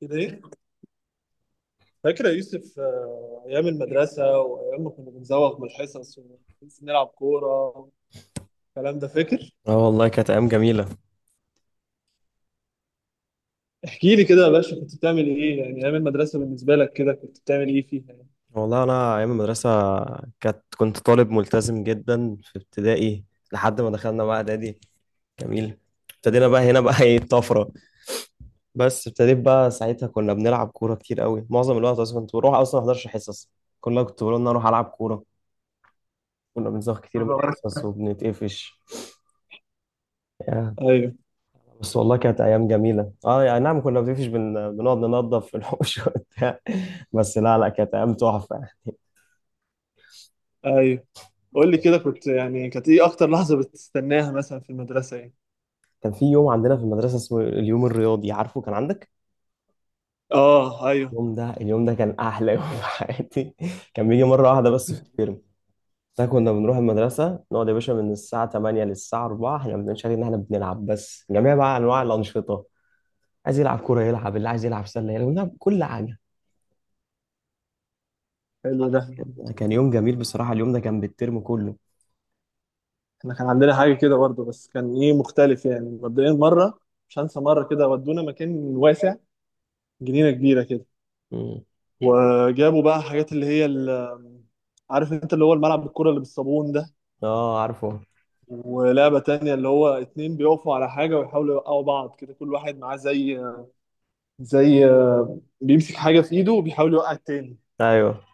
كده ايه؟ فاكر يا يوسف ايام المدرسه وايام ما كنا بنزوغ من الحصص ونلعب كوره. الكلام ده فاكر؟ اه والله كانت ايام جميله. احكي لي كده يا باشا، كنت بتعمل ايه يعني ايام المدرسه؟ بالنسبه لك كده كنت بتعمل ايه فيها يعني؟ والله انا ايام المدرسه كنت طالب ملتزم جدا في ابتدائي لحد ما دخلنا بقى اعدادي. جميل. ابتدينا بقى هنا بقى ايه الطفره؟ بس ابتديت بقى ساعتها كنا بنلعب كوره كتير قوي، معظم الوقت اصلا كنت بروح اصلا ما احضرش حصص كلها، كنت بقول ان انا اروح العب كوره. كنا بنزغ كتير من أخبارك؟ الحصص وبنتقفش. يا، ايوه. بس والله كانت ايام جميله. اه يعني نعم كنا بنتقفش بنقعد ننضف في الحوش وبتاع. بس لا لا كانت ايام تحفه. ايوه، قول لي كده، كنت يعني كانت ايه اكتر لحظه بتستناها مثلا في المدرسه يعني؟ كان في يوم عندنا في المدرسة اسمه اليوم الرياضي، عارفه كان عندك؟ اه ايوه. اليوم ده اليوم ده كان أحلى يوم في حياتي. كان بيجي مرة واحدة بس في الترم. ده كنا بنروح المدرسة نقعد يا باشا من الساعة 8 للساعة 4، احنا بنشغل إن احنا بنلعب بس جميع بقى أنواع الأنشطة. عايز يلعب كورة يلعب، اللي عايز يلعب سلة يلعب، بنلعب كل حاجة. حلو ده. كان يوم جميل بصراحة، اليوم ده كان بالترم كله. احنا كان عندنا حاجه كده برضه، بس كان ايه مختلف يعني. مبدئيا مره، مش هنسى مره كده ودونا مكان واسع، جنينه كبيره كده. مم. وجابوا بقى حاجات اللي هي عارف انت اللي هو الملعب بالكرة اللي بالصابون ده. اه عارفه. ولعبة تانية اللي هو اتنين بيقفوا على حاجة ويحاولوا يوقعوا بعض كده، كل واحد معاه زي، زي بيمسك حاجة في ايده وبيحاول يوقع التاني. ايوه،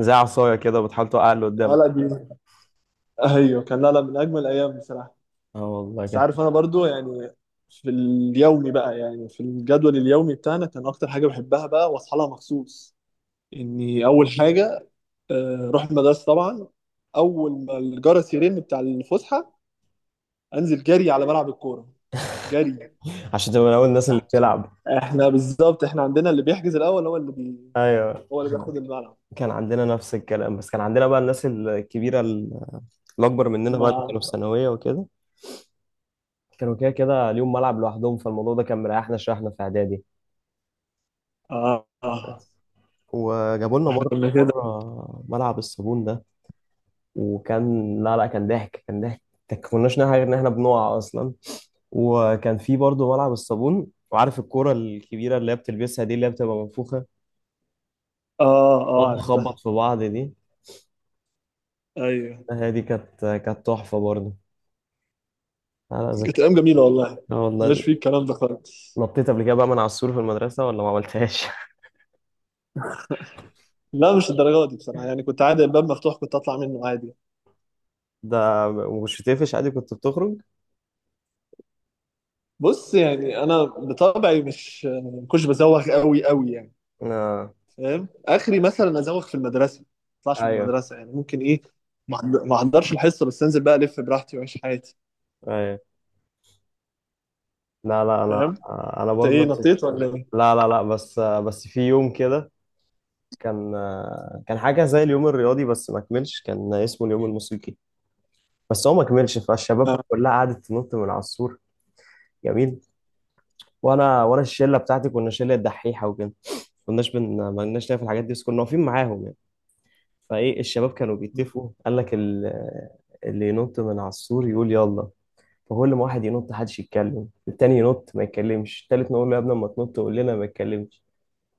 زي عصاية كده بتحاول توقع اللي اه قدامك. لا دي، ايوه، كان لا من اجمل الايام بصراحة. اه والله بس كده. عارف انا برضو يعني، في اليومي بقى، يعني في الجدول اليومي بتاعنا كان اكتر حاجة بحبها بقى واصحى لها مخصوص، اني اول حاجة اروح المدرسة طبعا. اول ما الجرس يرن بتاع الفسحة انزل جري على ملعب الكوره، جري. عشان تبقى من أول الناس اللي نعم. بتلعب. احنا بالظبط، احنا عندنا اللي بيحجز الاول هو ايوه هو اللي بياخد الملعب. كان عندنا نفس الكلام، بس كان عندنا بقى الناس الكبيرة الأكبر مننا بقى ما اللي كانوا في ثانوية وكده، كانوا كده كده ليهم ملعب لوحدهم، فالموضوع ده كان مريحنا شوية احنا في إعدادي. اه اه. وجابوا لنا احنا مرة كنا كده. مرة ملعب الصابون ده، وكان لا لا كان ضحك كان ضحك، ما كناش نعرف غير إن إحنا بنقع أصلا. وكان في برضه ملعب الصابون، وعارف الكرة الكبيرة اللي هي بتلبسها دي اللي هي بتبقى منفوخة اه اه، تقعد عرفتها. تخبط في بعض دي؟ ايوه. هي دي كانت تحفة برضه. لا لا كانت ذكريات. ايام جميله والله، اه مش والله. في الكلام ده خالص. نطيت قبل كده بقى من على السور في المدرسة ولا ما عملتهاش؟ لا مش الدرجه دي بصراحه يعني، كنت عادي الباب مفتوح كنت اطلع منه عادي. ده مش بتقفش عادي كنت بتخرج؟ بص يعني انا بطبعي مش ما كنتش بزوغ قوي قوي يعني. آه. فاهم، اخري مثلا ازوغ في المدرسه، ما اطلعش من ايوه المدرسه يعني، ممكن ايه ما احضرش الحصه، بس انزل بقى الف براحتي واعيش حياتي. ايوه. لا لا فاهم. انا انت برضه ايه، نفس نطيت الكلام. ولا ايه؟ لا لا لا، بس في يوم كده، كان كان حاجة زي اليوم الرياضي بس ما كملش، كان اسمه اليوم الموسيقي بس هو ما كملش، فالشباب بقى آه. كلها قعدت تنط من على السور. جميل. وانا الشلة بتاعتي كنا شلة دحيحة وكده، كناش ما لناش ليا في الحاجات دي بس كنا واقفين معاهم يعني. فايه الشباب كانوا بيتفقوا، قال لك اللي ينط من على السور يقول يلا، فكل ما واحد ينط محدش يتكلم، التاني ينط ما يتكلمش، التالت نقول له يا ابني اما تنط قول لنا ما يتكلمش.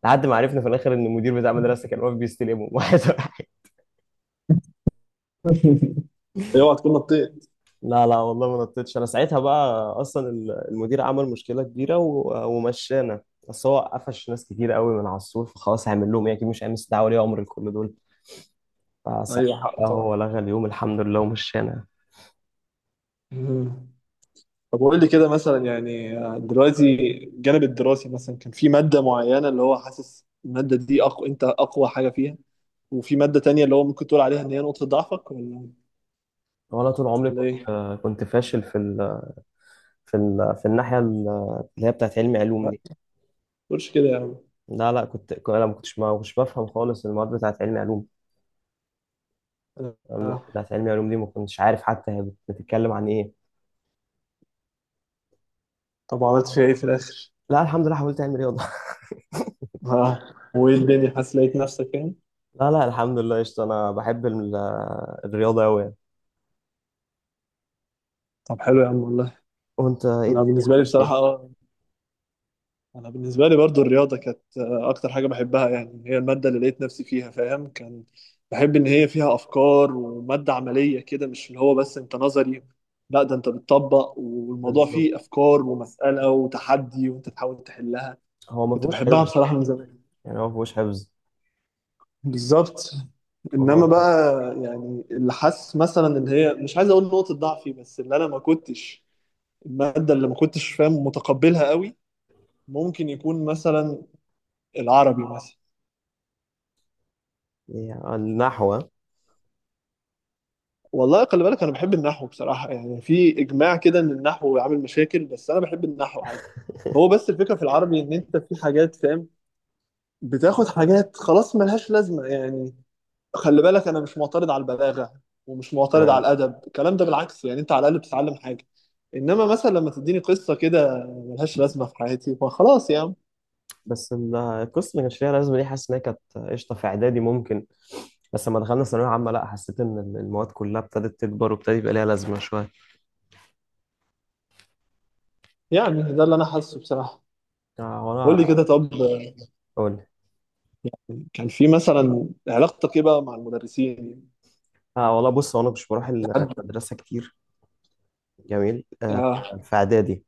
لحد ما عرفنا في الاخر ان المدير بتاع المدرسه كان واقف بيستلمهم واحد واحد. اوعى تكون نطيت. لا لا والله ما نطيتش، انا ساعتها بقى اصلا المدير عمل مشكله كبيره ومشانا. بس هو قفش ناس كتير قوي من على السور، فخلاص هيعمل لهم ايه؟ اكيد مش هيعمل استدعاء ولي امر لكل دول. فساعتها ايوه حقه طبعا. هو لغى اليوم الحمد لله ومشانا. مم. طب وقول لي كده مثلا يعني، دلوقتي الجانب الدراسي، مثلا كان في ماده معينه اللي هو حاسس الماده دي اقوى، انت اقوى حاجه فيها؟ وفي ماده تانية اللي هو ممكن تقول عليها ان هي نقطه ضعفك ولا وانا طول عمري ولا كنت ايه؟ كنت فاشل في الناحيه اللي هي بتاعت علمي علوم لا دي. ما تقولش كده يا عم. لا لا انا ما كنتش بفهم خالص المواد بتاعت علمي علوم. المواد آه. بتاعت علمي علوم دي ما كنتش عارف حتى هي بتتكلم عن ايه. طب عملت فيها ايه في الاخر؟ لا الحمد لله حاولت اعمل رياضه. اه، وايه الدنيا، حاسس لقيت نفسك يعني؟ لا لا الحمد لله قشطه، انا بحب الرياضه قوي يعني. طب حلو يا عم والله. وانت ايه انا الدنيا بالنسبه لي عملت بصراحه ايه؟ اه، انا بالنسبه لي برضو الرياضه كانت اكتر حاجه بحبها يعني، هي الماده اللي لقيت نفسي فيها، فاهم. كان بحب ان هي فيها افكار وماده عمليه كده، مش اللي هو بس انت نظري، لا ده انت بتطبق والموضوع بالظبط. فيه افكار ومساله وتحدي وانت تحاول تحلها. هو ما كنت فيهوش بحبها حفظ. بصراحه من زمان. يعني هو ما فيهوش حفظ. بالظبط. هو انما ده. بقى يعني اللي حاسس مثلا ان هي، مش عايز اقول نقطه ضعفي، بس اللي انا ما كنتش، المادة اللي ما كنتش فاهم متقبلها قوي، ممكن يكون مثلا العربي مثلا. يعني النحو. والله خلي بالك انا بحب النحو بصراحة، يعني في اجماع كده ان النحو عامل مشاكل بس انا بحب النحو عادي. هو بس الفكرة في العربي ان انت في حاجات فاهم بتاخد حاجات خلاص ملهاش لازمة يعني. خلي بالك انا مش معترض على البلاغة ومش معترض على الادب الكلام ده، بالعكس يعني انت على الاقل بتتعلم حاجة. انما مثلا لما تديني قصة كده ملهاش لازمة في حياتي، فخلاص يعني. بس القصه اللي كانش ليها لازمه دي حاسس ان هي كانت قشطه في اعدادي ممكن، بس لما دخلنا ثانويه عامه لا حسيت ان المواد كلها ابتدت تكبر وابتدى يبقى ليها لازمه شويه. يعني ده اللي انا حاسه بصراحة. قول لي وانا كده طب، اقول لك. كان في مثلا، علاقتك ايه بقى مع المدرسين؟ اه والله بص، هو انا مش بروح في حد؟ المدرسه كتير. جميل آه. اه في اعدادي.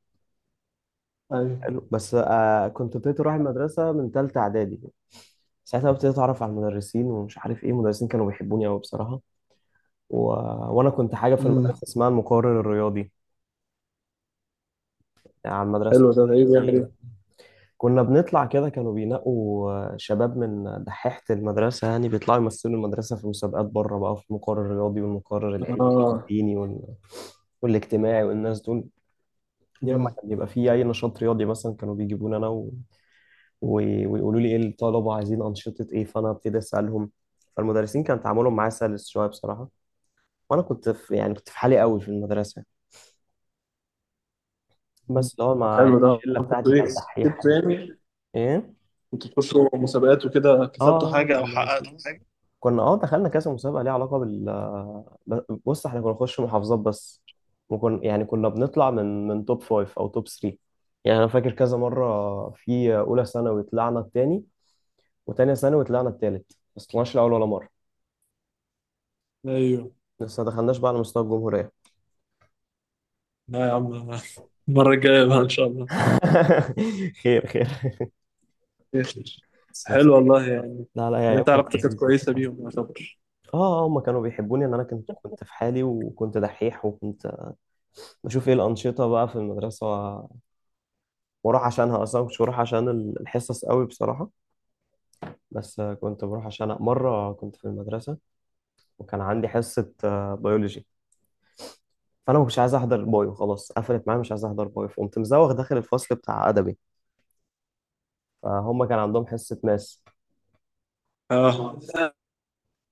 ايوه. حلو. بس آه كنت ابتديت اروح المدرسه من ثالثه اعدادي. ساعتها بقى ابتديت اتعرف على المدرسين ومش عارف ايه، المدرسين كانوا بيحبوني قوي بصراحه. و... وانا كنت حاجه في امم. المدرسه اسمها المقرر الرياضي. يعني على المدرسه حلو ده، ده ايه بيعمل ايه؟ كنا بنطلع كده، كانوا بينقوا شباب من دحيحة المدرسة يعني بيطلعوا يمثلوا المدرسة في مسابقات بره بقى في المقرر الرياضي والمقرر العلمي اه. والديني والاجتماعي والناس دول. دي لما امم. كان بيبقى فيه أي نشاط رياضي مثلا كانوا بيجيبوني أنا و... ويقولوا لي إيه الطلبة عايزين أنشطة إيه، فأنا أبتدي أسألهم. فالمدرسين كان تعاملهم معايا سلس شوية بصراحة. وأنا كنت في يعني كنت في حالي قوي في المدرسة، بس اللي هو طب مع حلو ده، الشلة كنت بتاعتي ايه كانت دحيحة كسبت يعني. يعني؟ إيه؟ كنت تخشوا مسابقات وكده، كسبتوا آه حاجة او كنا حققتوا حاجة؟ دخلنا كذا مسابقه ليها علاقه بال بص احنا كنا نخش محافظات بس، وكنا يعني كنا بنطلع من توب فايف او توب 3. يعني انا فاكر كذا مره في اولى ثانوي طلعنا التاني، وتانية ثانوي طلعنا التالت، بس طلعناش الاول ولا مره. ايوه. لسه ما دخلناش بقى على مستوى الجمهوريه. لا يا عم، المرة الجاية بقى ان شاء الله. خير خير. بس بس حلو والله يعني. لا لا يا يعني ايام انت كانت علاقتك كانت لذيذه كويسة بصراحه. بيهم يعتبر؟ اه. هما كانوا بيحبوني ان انا كنت في حالي وكنت دحيح وكنت بشوف ايه الانشطه بقى في المدرسه، بروح عشانها اصلا مش بروح عشان الحصص قوي بصراحه. بس كنت بروح. عشان مره كنت في المدرسه وكان عندي حصه بيولوجي، فانا ما كنتش عايز احضر بايو، خلاص قفلت معايا مش عايز احضر بايو، فقمت مزوغ داخل الفصل بتاع ادبي. فهم كان عندهم حصه ماس. اه.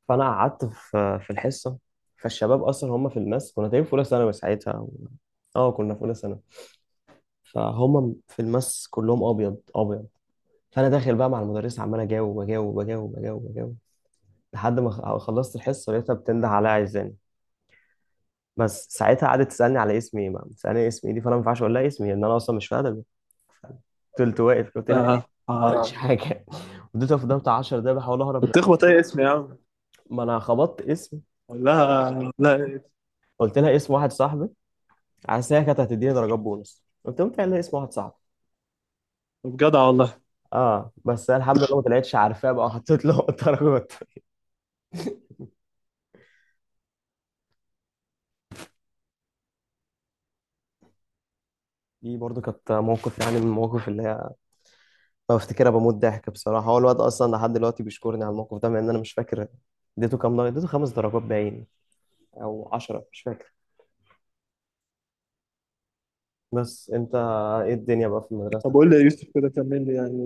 فانا قعدت في الحصه. فالشباب اصلا هم في الماس، كنا تقريبا في اولى ثانوي ساعتها اه كنا في اولى ثانوي. فهم في الماس كلهم ابيض ابيض. فانا داخل بقى مع المدرسه عمال اجاوب، لحد ما خلصت الحصه لقيتها بتنده عليا عايزاني. بس ساعتها قعدت تسالني على اسمي ايه بقى، تسالني اسمي ايه دي فانا ما ينفعش اقول لها اسمي لان انا اصلا مش في ادبي. فضلت واقف قلت لها اه. إيه؟ ما عملتش اه. حاجه. فضلت واقف قدام بتاع 10 دقايق بحاول اهرب منها. بتخبط اي اسم يا عم ما انا خبطت اسم، ولا لا؟ قلت لها اسم واحد صاحبي، عشان هي كانت هتديني درجات بونص قلت لهم قايل لها اسم واحد صاحبي. بجدع والله. اه بس أنا الحمد لله ما طلعتش عارفاه بقى وحطيت له درجات. دي برضو كانت موقف يعني من المواقف اللي هي بفتكرها بموت ضحك بصراحة، هو الواد أصلا لحد دلوقتي بيشكرني على الموقف ده مع إن أنا مش فاكر اديته كام درجة، اديته 5 درجات باين أو 10 مش فاكر. بس أنت إيه الدنيا بقى في طب المدرسة؟ قول لي يا يوسف كده، كمل لي يعني.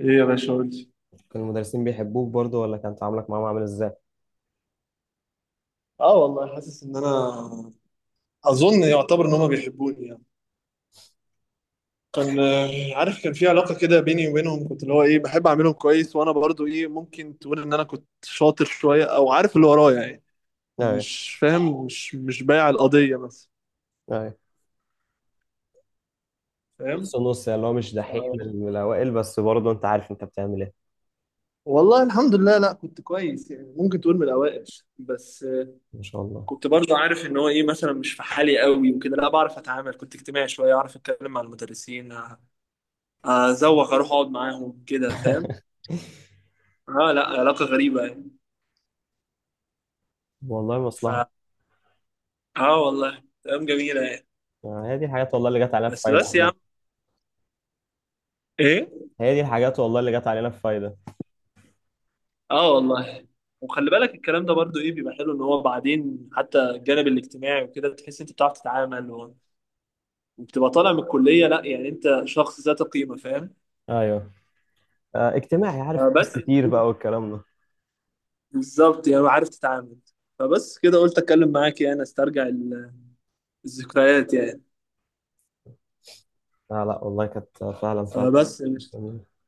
ايه يا باشا، قول لي. كان المدرسين بيحبوك برضو ولا كان تعاملك معاهم عامل إزاي؟ اه والله حاسس ان انا، اظن يعتبر ان هما بيحبوني يعني. كان عارف كان في علاقه كده بيني وبينهم، كنت اللي هو ايه بحب اعملهم كويس، وانا برضو ايه ممكن تقول ان انا كنت شاطر شويه او عارف اللي ورايا يعني، أيوه مش فاهم، مش بايع القضيه مثلا. أيوه. فاهم. نص نص يعني، اللي هو مش ف- دحيح من الأوائل بس برضو أنت عارف أنت بتعمل إيه. والله الحمد لله لا كنت كويس يعني، ممكن تقول من الاوائل. بس ما شاء الله. كنت برضو عارف ان هو ايه مثلا، مش في حالي قوي وكده، لا بعرف اتعامل، كنت اجتماعي شويه، اعرف اتكلم مع المدرسين، ازوق اروح اقعد معاهم كده فاهم. اه لا علاقه غريبه يعني. والله مصلحة. ف اه والله ايام جميله يعني. هي دي الحاجات والله اللي جت علينا في بس فايدة بس يا عم. عامة. ايه. هي دي الحاجات والله اللي جت علينا في فايدة. اه والله. وخلي بالك الكلام ده برضو ايه بيبقى حلو ان هو بعدين حتى الجانب الاجتماعي وكده، بتحس انت بتعرف تتعامل، وبتبقى طالع من الكليه، لا يعني انت شخص ذات قيمه فاهم. أيوه. اجتماعي، عارف آه ناس بس كتير بقى والكلام ده. بالظبط يعني عارف تتعامل. فبس كده قلت اتكلم معاك يعني استرجع الذكريات يعني. لا لا والله كانت فعلا فعلا فبس. جميلة.